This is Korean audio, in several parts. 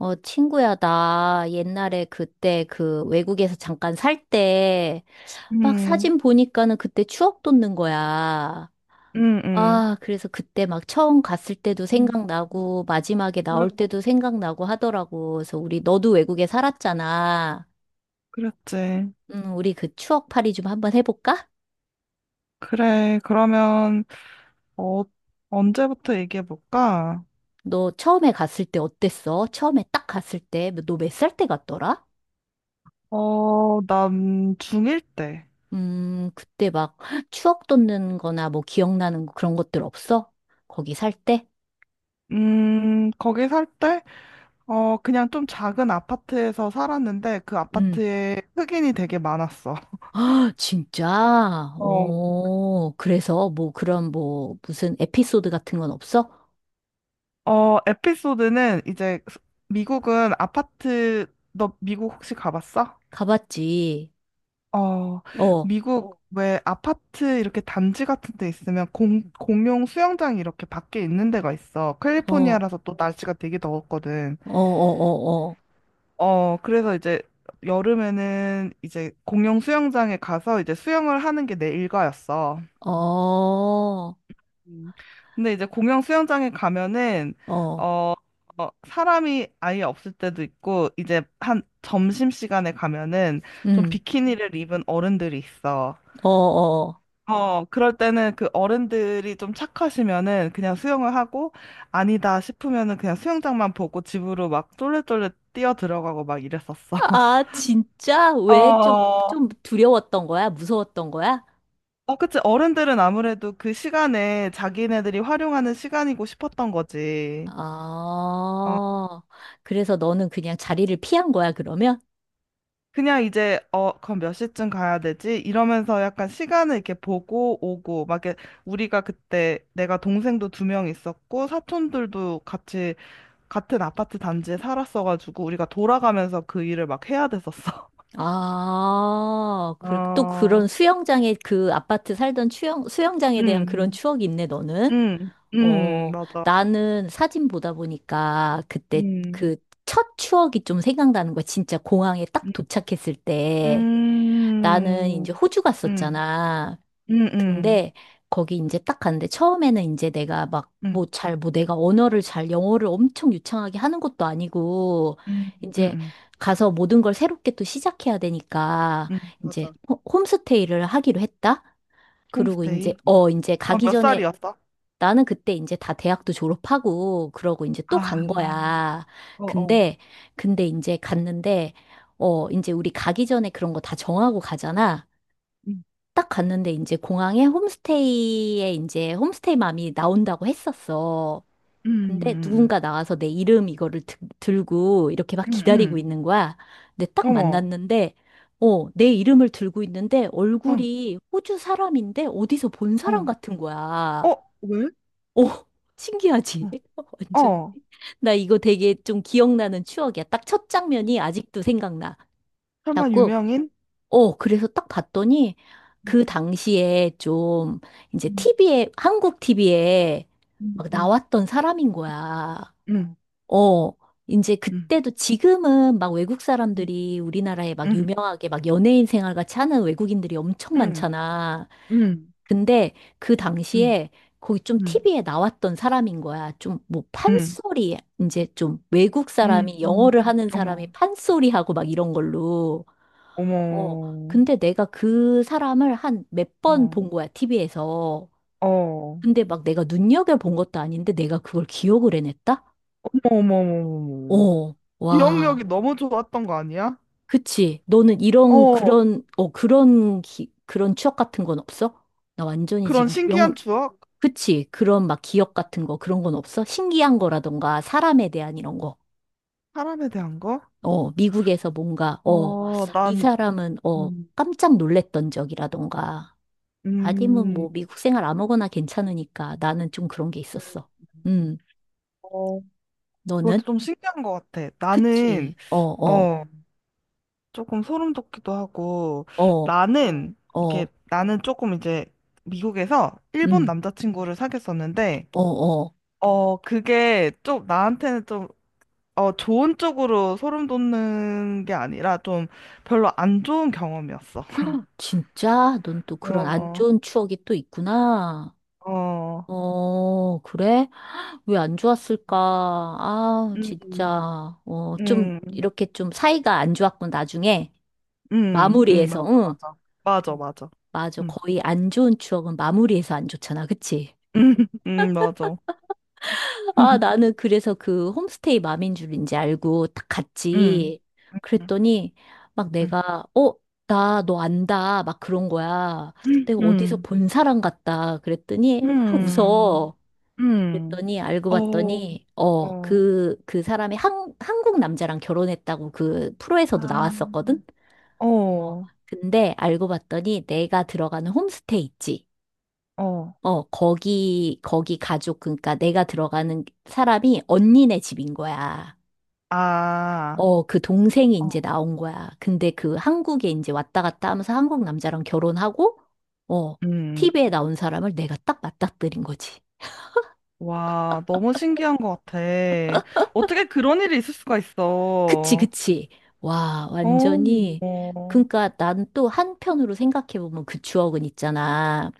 어, 친구야, 나 옛날에 그때 그 외국에서 잠깐 살 때 막 음, 사진 보니까는 그때 추억 돋는 거야. 음, 음. 아, 그래서 그때 막 처음 갔을 때도 음. 생각나고 마지막에 나올 그랬고, 때도 생각나고 하더라고. 그래서 우리 너도 외국에 살았잖아. 그랬지. 우리 그 추억팔이 좀 한번 해볼까? 그래, 그러면, 어, 언제부터 얘기해볼까? 너 처음에 갔을 때 어땠어? 처음에 딱 갔을 때, 너 몇 살 때 갔더라? 어, 난 중1 때. 그때 막 추억 돋는 거나 뭐 기억나는 거 그런 것들 없어? 거기 살 때? 거기 살 때, 어, 그냥 좀 작은 아파트에서 살았는데, 그 음. 아파트에 흑인이 되게 많았어. 아, 진짜? 어, 오, 그래서 뭐 그런 뭐 무슨 에피소드 같은 건 없어? 어, 에피소드는 이제, 미국은 아파트, 너 미국 혹시 가봤어? 가봤지. 어, 어, 어, 미국 왜 아파트 이렇게 단지 같은 데 있으면 공, 공용 수영장이 이렇게 밖에 있는 데가 있어. 어, 캘리포니아라서 또 날씨가 되게 더웠거든. 어, 어, 어, 그래서 이제 여름에는 이제 공용 수영장에 가서 이제 수영을 하는 게 내 일과였어. 어, 어, 음. 근데 이제 공용 수영장에 가면은 어, 어, 어, 사람이 아예 없을 때도 있고 이제 한 점심시간에 가면은 좀 음, 비키니를 입은 어른들이 있어. 어, 어. 어, 그럴 때는 그 어른들이 좀 착하시면은 그냥 수영을 하고 아니다 싶으면은 그냥 수영장만 보고 집으로 막 쫄래쫄래 뛰어 들어가고 막 이랬었어. 아, 진짜? 어, 왜 좀, 어, 좀 두려웠던 거야? 무서웠던 거야? 그치. 어른들은 아무래도 그 시간에 자기네들이 활용하는 시간이고 싶었던 거지. 어, 아, 그래서 너는 그냥 자리를 피한 거야, 그러면? 그냥 이제, 어, 그럼 몇 시쯤 가야 되지? 이러면서 약간 시간을 이렇게 보고 오고, 막 이렇게 우리가 그때 내가 동생도 두 명 있었고, 사촌들도 같이 같은 아파트 단지에 살았어가지고 우리가 돌아가면서 그 일을 막 해야 됐었어. 아, 그, 또 그런 어, 수영장에 그 아파트 살던 수영장에 대한 그런 음, 추억이 있네, 너는? 음, 음, 어, 맞아. 나는 사진 보다 보니까 그때 음, 그 첫 추억이 좀 생각나는 거야. 진짜 공항에 음, 딱 도착했을 때. 나는 음, 이제 호주 음, 갔었잖아. 음, 음, 근데 거기 이제 딱 갔는데 처음에는 이제 내가 막 뭐 음, 잘 뭐 내가 언어를 잘 영어를 엄청 유창하게 하는 것도 아니고 음, 이제 음, 가서 모든 걸 새롭게 또 시작해야 되니까 이제 맞아. 홈스테이를 하기로 했다. 그리고 이제 홈스테이. 어 이제 어, 가기 몇 전에 살이었어? 나는 그때 이제 다 대학도 졸업하고 그러고 이제 또 아, 간 거야. 어, 어, 근데 근데 이제 갔는데 어 이제 우리 가기 전에 그런 거 다 정하고 가잖아. 음, 딱 갔는데 이제 공항에 홈스테이에 이제 홈스테이 맘이 나온다고 했었어. 음, 근데 음, 누군가 나와서 내 이름 이거를 들고 이렇게 막 음, 음, 기다리고 음. 있는 거야. 근데 딱 어머, 만났는데, 어, 내 이름을 들고 있는데 어, 얼굴이 호주 사람인데 어디서 본 사람 어, 같은 거야. 어, 왜? 어, 신기하지? 어, 완전. 어. 나 이거 되게 좀 기억나는 추억이야. 딱 첫 장면이 아직도 생각나. 설마 자꾸 유명인? 어, 그래서 딱 봤더니 그 당시에 좀 이제 음, 티비에 한국 TV에 음, 막 음, 나왔던 사람인 거야. 음, 어, 이제 음. 그때도 지금은 막 외국 사람들이 우리나라에 막 음, 유명하게 막 연예인 생활 같이 하는 외국인들이 엄청 음, 많잖아. 음, 근데 그 음, 당시에 거기 좀 음, TV에 나왔던 사람인 거야. 좀 뭐 음, 판소리, 이제 좀 외국 음, 사람이 음. 영어를 하는 사람이 어머, 판소리 하고 막 이런 걸로. 어, 어머, 근데 내가 그 사람을 한 몇 번 어, 본 거야, TV에서. 어, 어머, 근데 막 내가 눈여겨본 것도 아닌데 내가 그걸 기억을 해냈다? 어머, 어머, 어머. 어, 와. 기억력이 너무 좋았던 거 아니야? 그치. 너는 이런, 어, 그런, 그런, 그런 추억 같은 건 없어? 나 완전히 그런 지금 신기한 영, 추억? 그치. 그런 막 기억 같은 거, 그런 건 없어? 신기한 거라던가, 사람에 대한 이런 거. 사람에 대한 거? 어, 미국에서 뭔가, 어, 어, 이 난, 사람은, 어, 음, 깜짝 놀랬던 적이라던가. 아니면 음, 음. 뭐 미국 생활 아무거나 괜찮으니까 나는 좀 그런 게 음. 있었어. 음, 어, 너는? 그것도 좀 신기한 것 같아. 그치. 나는, 어, 어, 어, 조금 소름 돋기도 하고 어, 나는 이게 어, 나는 조금 이제 미국에서 일본 음, 남자친구를 사귀었었는데 어, 어. 어 그게 좀 나한테는 좀 어 좋은 쪽으로 소름 돋는 게 아니라 좀 별로 안 좋은 경험이었어. 헉, 진짜? 넌 또 그런 안 어, 좋은 추억이 또 있구나. 어, 어, 그래? 왜 안 좋았을까? 아, 음, 진짜. 어, 좀, 음, 이렇게 좀 사이가 안 좋았군, 나중에. 마무리해서, 맞아, 응. 맞아, 맞아, 어, 맞아, 맞아. 음, 거의 안 좋은 추억은 마무리해서 안 좋잖아. 그치? 음, 맞아, 아, 나는 그래서 그 홈스테이 맘인 줄인지 알고 딱 음, 음, 갔지. 그랬더니 막 내가, 어, 나 너 안다. 막 그런 거야. 음, 내가 어디서 음, 본 사람 같다. 그랬더니 막 음. 웃어. 음. 그랬더니 알고 어, 봤더니, 어, 어, 그 사람이 한국 남자랑 결혼했다고 그 프로에서도 아, 나왔었거든? 어, 어, 근데 알고 봤더니 내가 들어가는 홈스테이 있지. 어, 어, 거기 가족, 그러니까 내가 들어가는 사람이 언니네 집인 거야. 아, 어, 그 동생이 이제 어, 나온 거야. 근데 그 한국에 이제 왔다 갔다 하면서 한국 남자랑 결혼하고, 어, 음. TV에 나온 사람을 내가 딱 맞닥뜨린 거지. 와, 너무 신기한 것 같아. 어떻게 그런 일이 있을 수가 그치, 있어. 그치. 와, 어, 완전히. 어, 그러니까 난 또 한편으로 생각해보면 그 추억은 있잖아.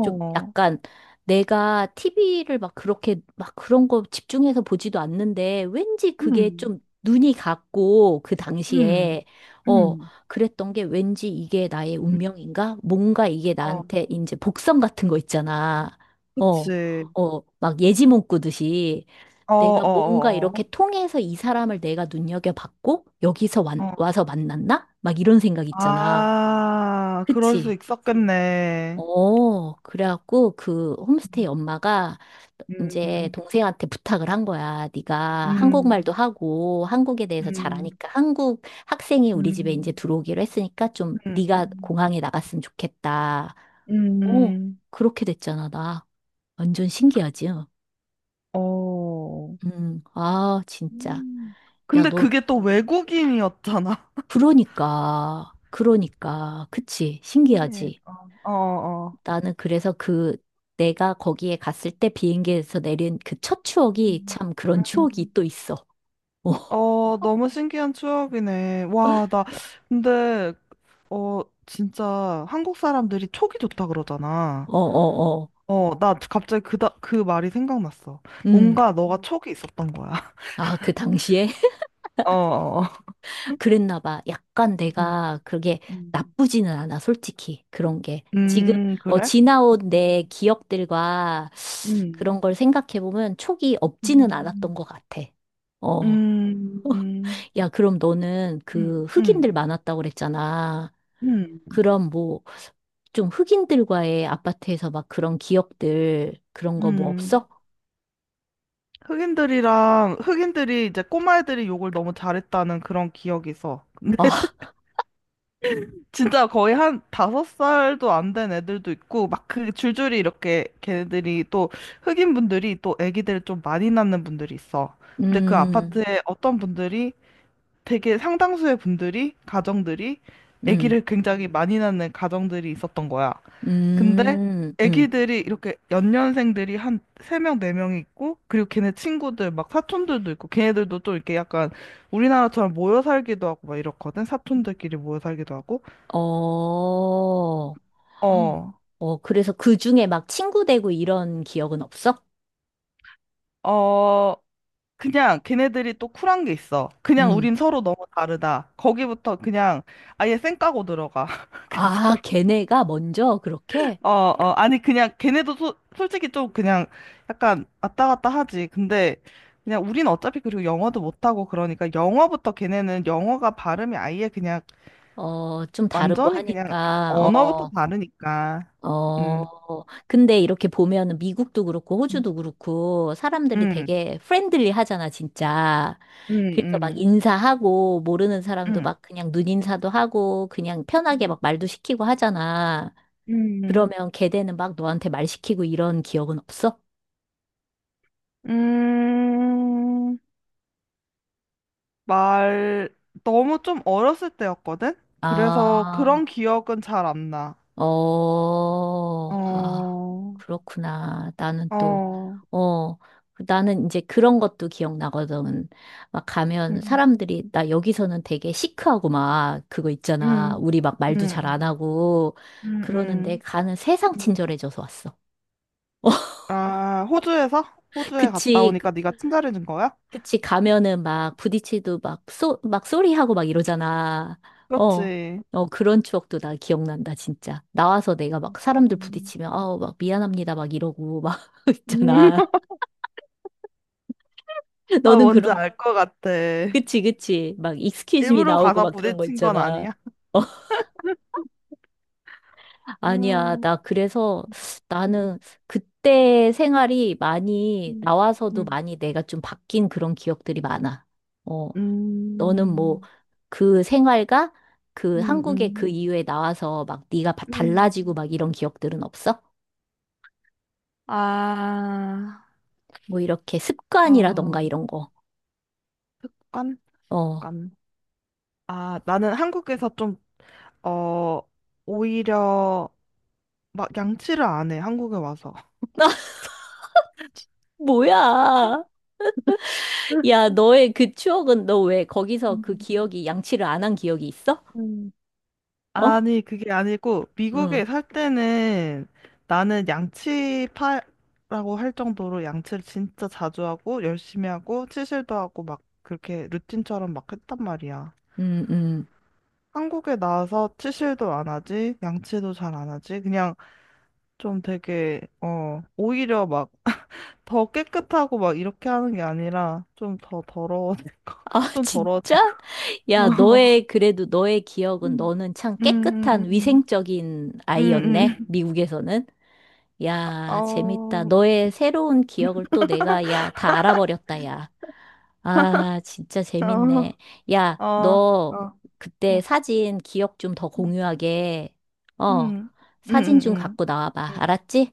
좀 약간 내가 TV를 막 그렇게 막 그런 거 집중해서 보지도 않는데 왠지 그게 좀 음, 눈이 갔고 그 음, 당시에 어, 음, 그랬던 게 왠지 이게 나의 운명인가? 뭔가 이게 어, 나한테 이제 복선 같은 거 있잖아. 어, 그치. 어, 막 예지몽 꾸듯이. 어, 내가 뭔가 어, 어, 이렇게 통해서 이 사람을 내가 눈여겨봤고, 여기서 어, 어. 와서 만났나? 막 이런 생각 있잖아. 아, 그럴 수 그치? 있었겠네. 어, 그래갖고 그 홈스테이 엄마가 이제 음, 동생한테 부탁을 한 거야. 네가 한국말도 음, 하고 한국에 대해서 잘 음, 아니까 한국 학생이 우리 집에 이제 음. 들어오기로 했으니까 좀 네가 음, 공항에 나갔으면 좋겠다. 어, 음, 그렇게 됐잖아, 나. 완전 신기하지? 어. 아, 진짜. 음. 야, 근데 넌 그게 또 외국인이었잖아. 그러니까, 그러니까, 그치, 신기해. 신기하지. 어, 어, 어. 나는 그래서 그, 내가 거기에 갔을 때 비행기에서 내린 그 첫 추억이 음. 참 그런 추억이 음. 또 있어. 어, 너무 신기한 추억이네. 와, 나, 근데, 어, 진짜 한국 사람들이 촉이 좋다 그러잖아. 어, 어, 어, 어. 어, 나 갑자기 그, 다, 그 말이 생각났어. 음. 뭔가 너가 촉이 있었던 거야. 아, 그 당시에? 어, 어. 그랬나 봐. 약간 음. 내가 그게 음. 나쁘지는 않아, 솔직히. 그런 게. 지금, 어, 그래? 지나온 내 기억들과 음, 그런 걸 생각해보면 촉이 없지는 않았던 음. 것 같아. 어. 음. 야, 그럼 너는 음, 그 흑인들 음, 많았다고 그랬잖아. 음, 그럼 뭐, 좀 흑인들과의 아파트에서 막 그런 기억들, 그런 거 뭐 음. 없어? 흑인들이 이제 꼬마애들이 욕을 너무 잘했다는 그런 기억이 있어. 근데 아, 진짜 거의 한 다섯 살도 안 된 애들도 있고 막 그 줄줄이 이렇게 걔네들이 또 흑인 분들이 또 애기들을 좀 많이 낳는 분들이 있어. 근데 그 음, 아파트에 어떤 분들이 되게 상당수의 분들이 가정들이 음, 애기를 굉장히 많이 낳는 가정들이 있었던 거야. 근데 음, 음, 애기들이 이렇게 연년생들이 한 세명네명이 있고 그리고 걔네 친구들 막 사촌들도 있고 걔네들도 또 이렇게 약간 우리나라처럼 모여 살기도 하고 막 이렇거든. 사촌들끼리 모여 살기도 하고. 어, 어. 어, 그래서 그 중에 막 친구 되고 이런 기억은 없어? 어. 그냥 걔네들이 또 쿨한 게 있어. 그냥 음, 우린 서로 너무 다르다. 거기부터 그냥 아예 쌩 까고 들어가. 그냥 서 아, 걔네가 먼저 그렇게? 어, 어, 아니, 그냥, 걔네도 소, 솔직히 좀 그냥 약간 왔다 갔다 하지. 근데 그냥 우린 어차피 그리고 영어도 못하고 그러니까 영어부터 걔네는 영어가 발음이 아예 그냥 어, 좀 다르고 완전히 그냥 하니까, 언어부터 어. 다르니까. 음, 어, 근데 이렇게 보면은 미국도 그렇고 음, 호주도 그렇고 사람들이 음, 되게 프렌들리 하잖아, 진짜. 그래서 막 음, 인사하고 모르는 사람도 음, 막 그냥 눈인사도 하고 그냥 편하게 막 말도 시키고 하잖아. 음, 음, 그러면 걔네는 막 너한테 말 시키고 이런 기억은 없어? 음, 말, 너무 좀 어렸을 때였거든? 그래서 그런 아, 기억은 잘 안 나. 어, 아, 어, 그렇구나. 나는 또, 어, 어, 나는 이제 그런 것도 기억나거든. 막 가면 음. 사람들이, 나 여기서는 되게 시크하고 막 그거 있잖아. 음, 우리 막 말도 잘 안 음, 하고 음, 그러는데 음. 가는 세상 음. 친절해져서 왔어. 아, 호주에서? 호주에 갔다 그치. 오니까 네가 친절해진 거야? 그치, 가면은 막 부딪히도 막 막 소리하고 막 이러잖아. 어, 그렇지. 어, 그런 추억도 나 기억난다, 진짜. 나와서 내가 막 사람들 음. 부딪히면, 어, 막 미안합니다, 막 이러고 막 음. 있잖아. 아, 너는 뭔지 그런, 알 것 같아. 그치, 그치. 막 익스큐즈 미 일부러 나오고 가서 막 그런 거 부딪힌 건 있잖아. 아니야? 어, 아니야. 음, 나 그래서 음, 나는 그때 생활이 많이, 음, 나와서도 많이 내가 좀 바뀐 그런 기억들이 많아. 어. 음, 너는 뭐 음, 그 생활과 그 음, 한국의 그 음. 이후에 나와서 막 네가 달라지고 음. 막 이런 기억들은 없어? 아, 뭐 이렇게 어, 습관이라던가 이런 거. 습관? 어. 습관. 아, 나는 한국에서 좀, 어, 오히려 막 양치를 안 해, 한국에 와서. 뭐야? 야, 너의 그 추억은 너 왜 거기서 음, 그 기억이 양치를 안 한 기억이 있어? 음, 어? 아니, 그게 아니고, 응. 미국에 살 때는 나는 양치파라고 할 정도로 양치를 진짜 자주 하고, 열심히 하고, 치실도 하고, 막 그렇게 루틴처럼 막 했단 말이야. 음, 음. 한국에 나와서 치실도 안 하지, 양치도 잘 안 하지, 그냥 좀 되게, 어, 오히려 막 더 깨끗하고 막 이렇게 하는 게 아니라 좀 더 더러워지고, 아, 좀 진짜? 더러워지고. 야, 어. 너의 그래도 너의 기억은 음. 너는 참 음, 음, 깨끗한 음, 위생적인 아이였네. 음. 미국에서는. 야, 재밌다. 어, 너의 새로운 기억을 또 내가, 야, 다 알아버렸다, 야. 아, 진짜 재밌네. 야, 어, 어, 어, 너 어, 그때 사진 기억 좀 더 음, 공유하게. 어, 음, 음, 사진 음, 좀 음, 갖고 나와봐. 음, 알았지?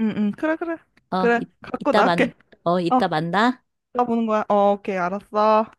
그래, 그래, 어, 그래, 갖고 이따 만, 나올게. 어, 이따 만나. 나 보는 거야. 어, 오케이, 알았어.